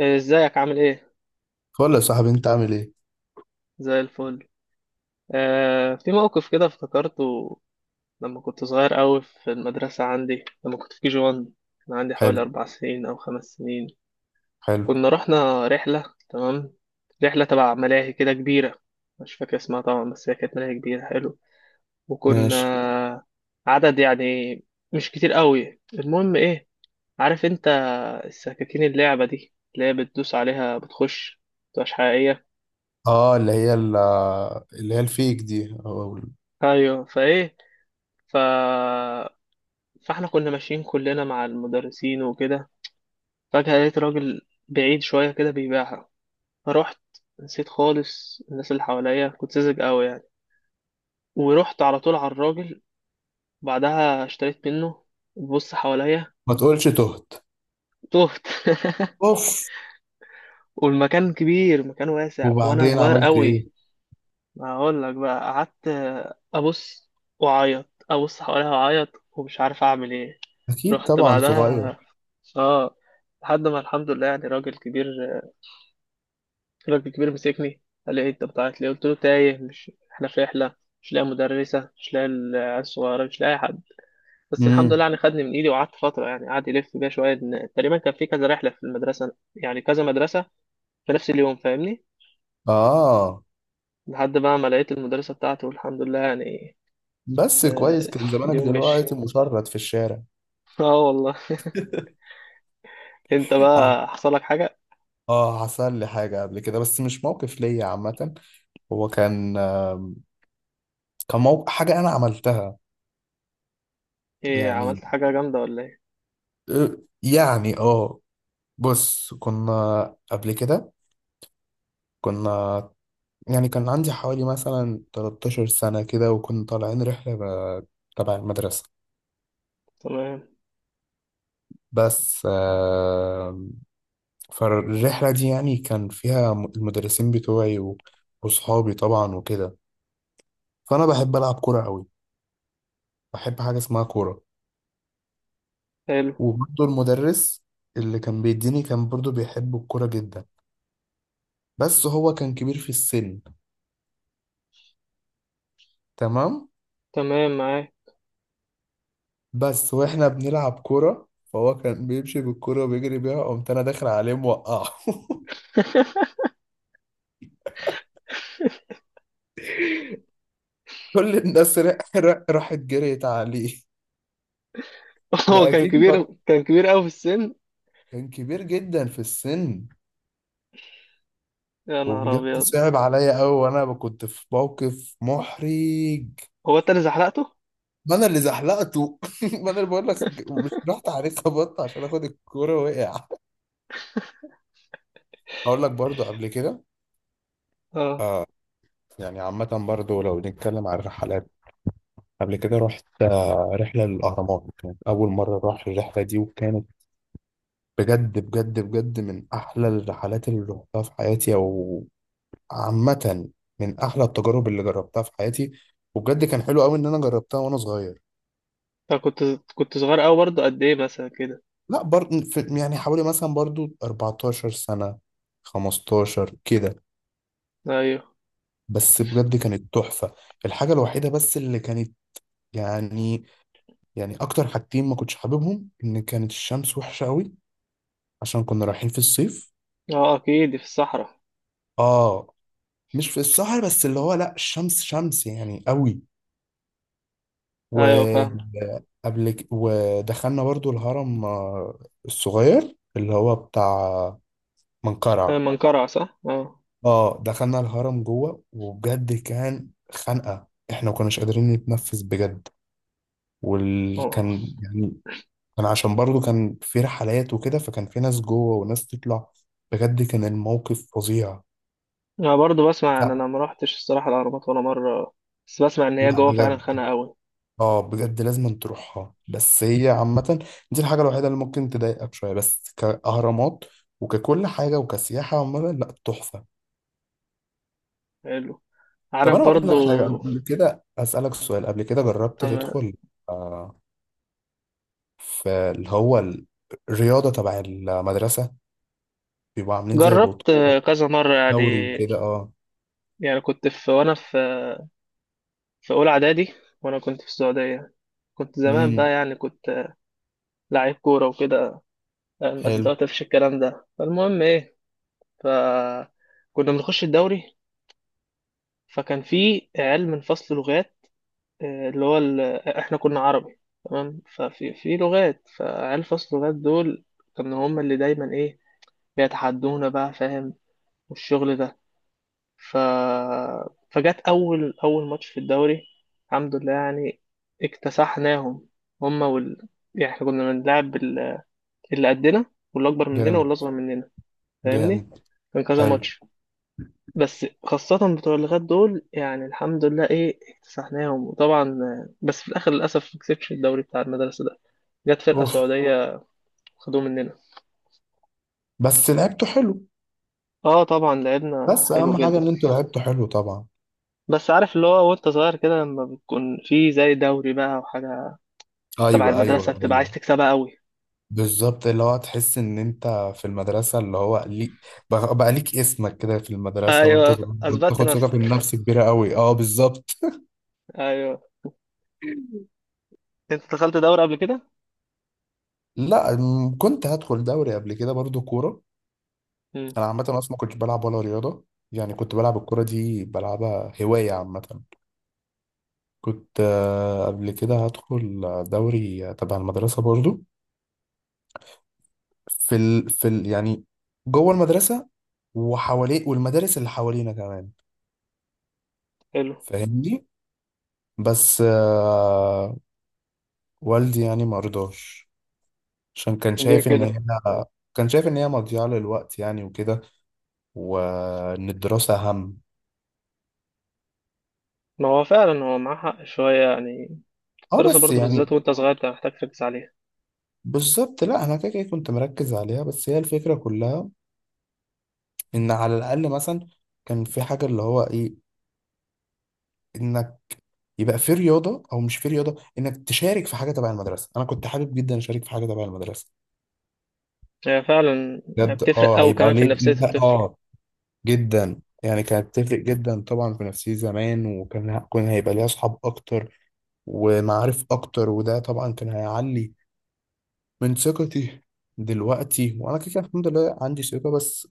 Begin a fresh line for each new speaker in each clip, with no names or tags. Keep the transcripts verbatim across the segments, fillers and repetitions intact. إيه، ازيك عامل ايه؟
قول يا صاحبي، انت عامل ايه؟
زي الفل. آه، في موقف كده افتكرته لما كنت صغير قوي في المدرسة عندي، لما كنت في كي جي واحد. كان عندي حوالي
حلو.
أربع سنين أو خمس سنين.
حلو.
كنا رحنا رحلة، تمام. رحلة تبع ملاهي كده كبيرة، مش فاكر اسمها طبعا بس هي كانت ملاهي كبيرة، حلو.
ماشي.
وكنا عدد يعني مش كتير قوي. المهم ايه، عارف انت السكاكين، اللعبة دي اللي هي بتدوس عليها بتخش، مبتبقاش حقيقية.
اه، اللي هي ال- اللي هي الفيك دي أو ال-
ايوه فايه. ف فاحنا كنا ماشيين كلنا مع المدرسين وكده، فجأة لقيت راجل بعيد شوية كده بيبيعها. فروحت، نسيت خالص الناس اللي حواليا، كنت ساذج قوي يعني. ورحت على طول على الراجل، بعدها اشتريت منه، ببص حواليا،
ما تقولش. تهت.
تهت.
اوف.
والمكان كبير، مكان واسع وانا
وبعدين
صغير
عملت ايه؟
قوي. هقول لك بقى، قعدت ابص واعيط، ابص حواليا واعيط ومش عارف اعمل ايه.
اكيد
رحت يا لهوي
طبعا، صغير.
بعدها. اه، لحد ما الحمد لله يعني راجل كبير، الراجل الكبير مسكني، قال لي إيه أنت بتعيط ليه؟ قلت له تايه، مش إحنا في رحلة، مش لاقي مدرسة، مش لاقي العيال الصغيرة، مش لاقي حد. بس الحمد لله
امم.
يعني خدني من إيدي وقعدت فترة يعني، قعد يلف بيا شوية، إن تقريبا كان في كذا رحلة في المدرسة يعني كذا مدرسة في نفس اليوم، فاهمني.
اه،
لحد بقى ما لقيت المدرسة بتاعته، والحمد لله يعني.
بس كويس،
آه،
كان زمانك
اليوم
دلوقتي
مشي.
مشرد في الشارع.
اه والله. انت
اه،
بقى حصل لك حاجة؟
آه، حصل لي حاجه قبل كده، بس مش موقف ليا عامه. هو كان آم، كان موقف حاجه انا عملتها.
ايه
يعني
عملت حاجة جامدة ولا ايه؟
آه، يعني اه، بص. كنا قبل كده، كنا يعني كان عندي حوالي مثلا 13 سنة كده، وكنا طالعين رحلة ب- تبع المدرسة.
تمام.
بس آه، فالرحلة دي يعني كان فيها م- المدرسين بتوعي و- وصحابي طبعا وكده. فأنا بحب ألعب كورة أوي، بحب حاجة اسمها كورة.
حلو.
وبرضه المدرس اللي كان بيديني كان برضه بيحب الكورة جدا، بس هو كان كبير في السن. تمام.
تمام معاك.
بس واحنا بنلعب كورة، فهو كان بيمشي بالكورة وبيجري بيها، قمت أنا داخل عليه موقعه كل الناس ر- ر- راحت جريت عليه.
هو
ما
كان
اكيد
كبير،
ما-
كان كبير قوي في السن.
كان كبير جدا في السن،
يا نهار
وبجد
ابيض.
صعب عليا قوي، وانا كنت في موقف محرج.
هو انت اللي زحلقته؟
ما انا اللي زحلقته ما انا اللي بقول لك، مش رحت عليه خبطت عشان اخد الكوره، وقع. هقول لك برضو قبل كده،
اه.
يعني عامة برضو لو نتكلم عن الرحلات. قبل كده رحت آه، رحلة للأهرامات، كانت أول مرة أروح الرحلة دي، وكانت بجد بجد بجد من أحلى الرحلات اللي رحتها في حياتي. عامة من أحلى التجارب اللي جربتها في حياتي، وبجد كان حلو قوي إن أنا جربتها وأنا صغير.
أنا كنت كنت صغير قوي برضه. قد ايه مثلا كده؟
لا برضه، يعني حوالي مثلا برضو 14 سنة، خمستاشر كده.
ايوه.
بس بجد كانت تحفة. الحاجة الوحيدة بس اللي كانت، يعني يعني أكتر حاجتين ما كنتش حاببهم، إن كانت الشمس وحشة قوي عشان كنا رايحين في الصيف.
اه اكيد في الصحراء.
آه، مش في السهر بس اللي هو، لا، الشمس شمس يعني قوي.
ايوه فاهم.
وقبل ك- ودخلنا برضو الهرم آه، الصغير، اللي هو بتاع
آه،
منقرع.
منقرع، صح، اه.
اه، دخلنا الهرم جوه وبجد كان خنقة، احنا ما كناش قادرين نتنفس بجد.
اه،
وكان يعني، كان عشان برضو كان في رحلات وكده، فكان في ناس جوه وناس تطلع، بجد كان الموقف فظيع.
انا برضه بسمع ان
لا.
انا ما رحتش الصراحه الاهرامات ولا مره، بس بسمع ان هي
لا
جوه فعلا
بجد.
خانقه قوي.
اه بجد، لازم أن تروحها. بس هي عامة، دي الحاجة الوحيدة اللي ممكن تضايقك شوية، بس كأهرامات وككل حاجة وكسياحة عموما، لا، تحفة.
حلو.
طب
عارف
أنا أقول
برضه.
لك حاجة، قبل كده أسألك سؤال، قبل كده جربت
تمام.
تدخل آه، في اللي هو الرياضة تبع المدرسة؟ بيبقوا عاملين زي بطولة،
جربت، آه، كذا مره يعني.
دوري وكده، اه.
يعني كنت في، وانا في في اولى اعدادي وانا كنت في السعوديه. كنت زمان بقى
امم.
يعني كنت لعيب كوره وكده. آه، بس
حلو.
دلوقتي مفيش الكلام ده. فالمهم ايه، فكنا بنخش الدوري. فكان في عيال من فصل لغات، آه، اللي هو ال... احنا كنا عربي تمام، ففي في لغات، فعيال فصل لغات دول كانوا هم اللي دايما ايه بيتحدونا، بقى فاهم والشغل ده. ف فجت اول اول ماتش في الدوري، الحمد لله يعني اكتسحناهم. هم وال... يعني احنا كنا بنلعب ال- اللي قدنا واللي اكبر مننا واللي
جامد.
اصغر مننا، فاهمني.
جامد.
كان كذا
حلو.
ماتش، بس خاصة بتوع اللغات دول يعني، الحمد لله إيه اكتسحناهم، وطبعا آه، بس في الآخر للأسف ما كسبش الدوري بتاع المدرسة ده، جت فرقة
اوف.
سعودية خدوه مننا.
بس لعبته حلو.
اه طبعا لعبنا
بس
حلو
أهم حاجة
جدا.
إن أنتوا لعبتوا حلو طبعا.
بس عارف اللي هو وانت صغير كده، لما بتكون في زي دوري بقى وحاجة تبع
ايوه ايوه
المدرسة بتبقى عايز
ايوه،
تكسبها قوي.
بالظبط، اللي هو تحس ان انت في المدرسه، اللي هو ليك بقى بقى ليك اسمك كده في المدرسه، وانت
ايوه
صغير
اثبتت
بتاخد ثقه في
نفسك.
النفس كبيره قوي، اه بالظبط.
ايوه. انت دخلت دوري قبل كده؟
لا، م- كنت هدخل دوري قبل كده برضو كوره.
امم.
انا عامه اصلا ما كنتش بلعب ولا رياضه، يعني كنت بلعب الكوره دي، بلعبها هوايه عامه. كنت آه، قبل كده هدخل دوري تبع المدرسه برضو، في ال... في ال... يعني جوه المدرسه وحواليه، والمدارس اللي حوالينا كمان،
حلو.
فاهمني. بس آه، والدي يعني ما رضاش، عشان كان
ليه
شايف ان هي،
كده؟
كان شايف ان هي مضيعة للوقت يعني وكده، وان الدراسة اهم.
ما هو فعلا هو معاه حق شوية يعني،
اه
الدراسة
بس
برضو بالذات
يعني،
وانت صغير بتبقى محتاج تركز عليها.
بالظبط، لا، انا كده كده كنت مركز عليها، بس هي الفكرة كلها ان على الاقل مثلا كان في حاجة، اللي هو ايه، انك، يبقى في رياضة او مش في رياضة، انك تشارك في حاجة تبع المدرسة. انا كنت حابب جدا اشارك في حاجة تبع المدرسة.
هي فعلا
بجد
بتفرق
اه،
أوي
هيبقى
كمان في
ليه
نفسية
لا،
الطفل.
اه. جدا، يعني كانت تفرق جدا طبعا في نفسيتي زمان، وكان كان هيبقى ليها اصحاب اكتر ومعارف اكتر، وده طبعا كان هيعلي من ثقتي. دلوقتي وانا كده كده الحمد لله عندي ثقة، بس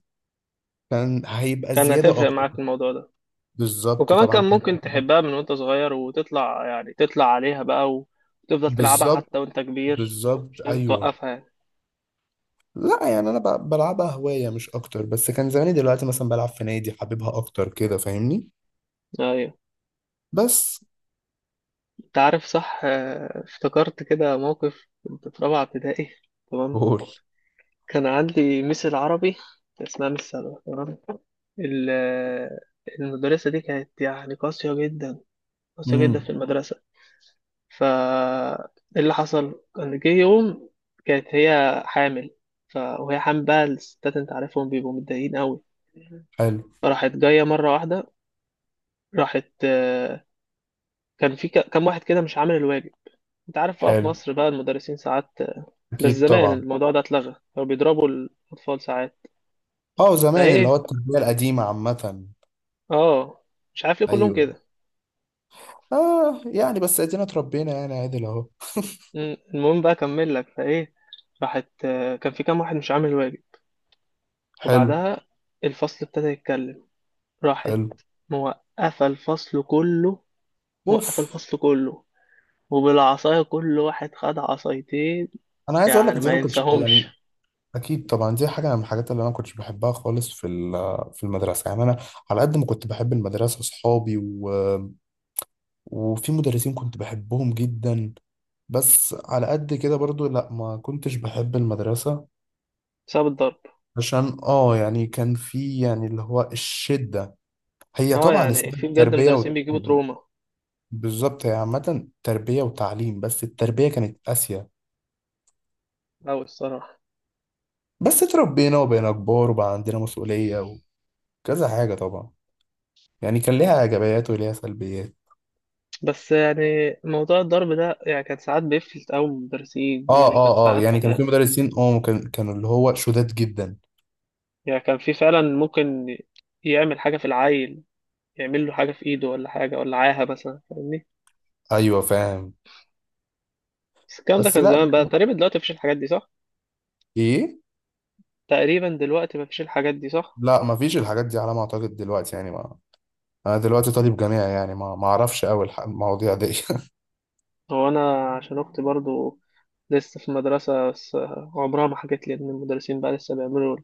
كان هيبقى
كان
زيادة
هتفرق
اكتر.
معاك الموضوع ده.
بالظبط
وكمان
طبعا
كان
كان.
ممكن تحبها من وانت صغير وتطلع يعني تطلع عليها بقى، وتفضل تلعبها حتى
بالظبط،
وانت كبير.
بالظبط،
مش لازم
ايوه.
توقفها يعني.
لا، يعني انا ب- بلعبها هواية مش اكتر، بس كان زماني دلوقتي مثلا بلعب في نادي، حاببها اكتر كده، فاهمني.
أيوة.
بس.
أنت عارف صح، آه، افتكرت كده موقف كنت في رابعة ابتدائي. تمام.
قول.
كان عندي ميس العربي، اسمها ميس سلوى، تمام. ال- المدرسة دي كانت يعني قاسية جدا، قاسية جدا
امم.
في المدرسة. فا إيه اللي حصل، كان جه يوم كانت هي حامل. ف... وهي حامل بقى الستات انت عارفهم بيبقوا متضايقين قوي.
حلو.
فراحت جايه مره واحده. راحت، آه، كان في ك- كام واحد كده مش عامل الواجب. انت عارف بقى في
حلو.
مصر بقى المدرسين ساعات، آه، بس
اكيد
زمان
طبعا.
الموضوع ده اتلغى، كانوا بيضربوا الاطفال ساعات.
اه زمان، اللي
فايه،
هو التربية القديمة عامة.
اه، مش عارف ليه كلهم
ايوه.
كده.
اه يعني، بس ادينا اتربينا يعني عادل اهو.
مم، المهم بقى اكمل لك فايه. راحت، آه، كان في كام واحد مش عامل الواجب.
حلو.
وبعدها الفصل ابتدى يتكلم، راحت
حلو.
موقفة الفصل كله، موقفة
اوف.
الفصل كله، وبالعصاية كل واحد خد عصايتين.
انا عايز اقول لك
يعني
دي، انا
ما
ما كنتش
ينساهمش.
يعني. اكيد طبعا، دي حاجه من الحاجات اللي انا ما كنتش بحبها خالص في ال- في المدرسه، يعني انا على قد ما كنت بحب المدرسه، اصحابي، و... وفي مدرسين كنت بحبهم جدا، بس على قد كده برضو، لا، ما كنتش بحب المدرسه.
بسبب الضرب.
عشان اه يعني، كان في يعني، اللي هو الشده، هي
اه
طبعا
يعني في
اسمها
بجد
تربيه.
مدرسين بيجيبوا تروما
بالظبط، هي عامة تربية وتعليم، بس التربية كانت قاسية.
أوي الصراحة.
بس اتربينا وبقينا كبار، وبقى عندنا مسؤولية وكذا حاجة طبعا. يعني كان ليها إيجابيات وليها سلبيات.
بس يعني موضوع الضرب ده يعني كان ساعات بيفلت أوي من المدرسين،
اه
يعني كان
اه اه،
ساعات،
يعني كان في مدرسين، اه كان كانوا اللي هو شداد جدا.
يعني كان في فعلا ممكن يعمل حاجة في العيل، يعمل له حاجة في إيده ولا حاجة، ولا عاهة مثلا، فاهمني.
ايوه فاهم.
بس الكلام ده
بس،
كان
لا،
زمان بقى، تقريبا دلوقتي مفيش الحاجات دي صح؟
ايه،
تقريبا دلوقتي مفيش الحاجات دي صح؟
لا، ما فيش الحاجات دي على ما اعتقد دلوقتي، يعني ما، انا دلوقتي طالب جامعي، يعني ما ما اعرفش قوي المواضيع دي
هو انا عشان اختي برضو لسه في المدرسه بس، عمرها ما حكت لي ان المدرسين بقى لسه بيعملوا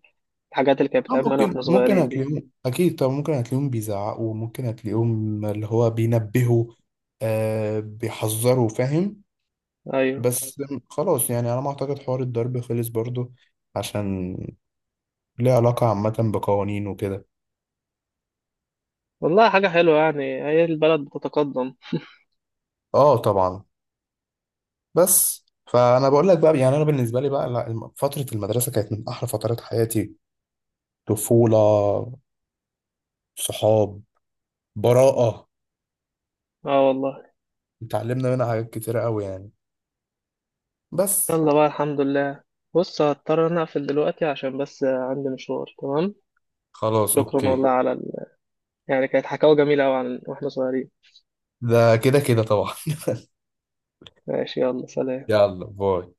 الحاجات اللي كانت
آه،
بتعملنا انا
ممكن
واحنا
ممكن
صغيرين دي.
هتلاقيهم اكيد، طب ممكن هتلاقيهم بيزعقوا، ممكن هتلاقيهم اللي هو بينبهوا، آه بيحذروا، فاهم.
ايوه
بس خلاص، يعني انا ما اعتقد حوار الضرب خلص برضو، عشان ليه علاقة عامة بقوانين وكده.
والله حاجه حلوه يعني، هي البلد بتتقدم.
اه طبعا. بس فانا بقول لك بقى، يعني انا بالنسبة لي بقى، لا، الم- فترة المدرسة كانت من احلى فترات حياتي. طفولة، صحاب، براءة،
اه والله.
اتعلمنا منها حاجات كتيرة قوي يعني. بس
يلا بقى الحمد لله. بص هضطر انا اقفل دلوقتي عشان بس عندي مشوار، تمام.
خلاص،
شكرا
اوكي.
والله على ال... يعني كانت حكاوة جميلة أوي عن واحنا صغيرين.
ده كده كده طبعا.
ماشي، يلا سلام.
يلا باي.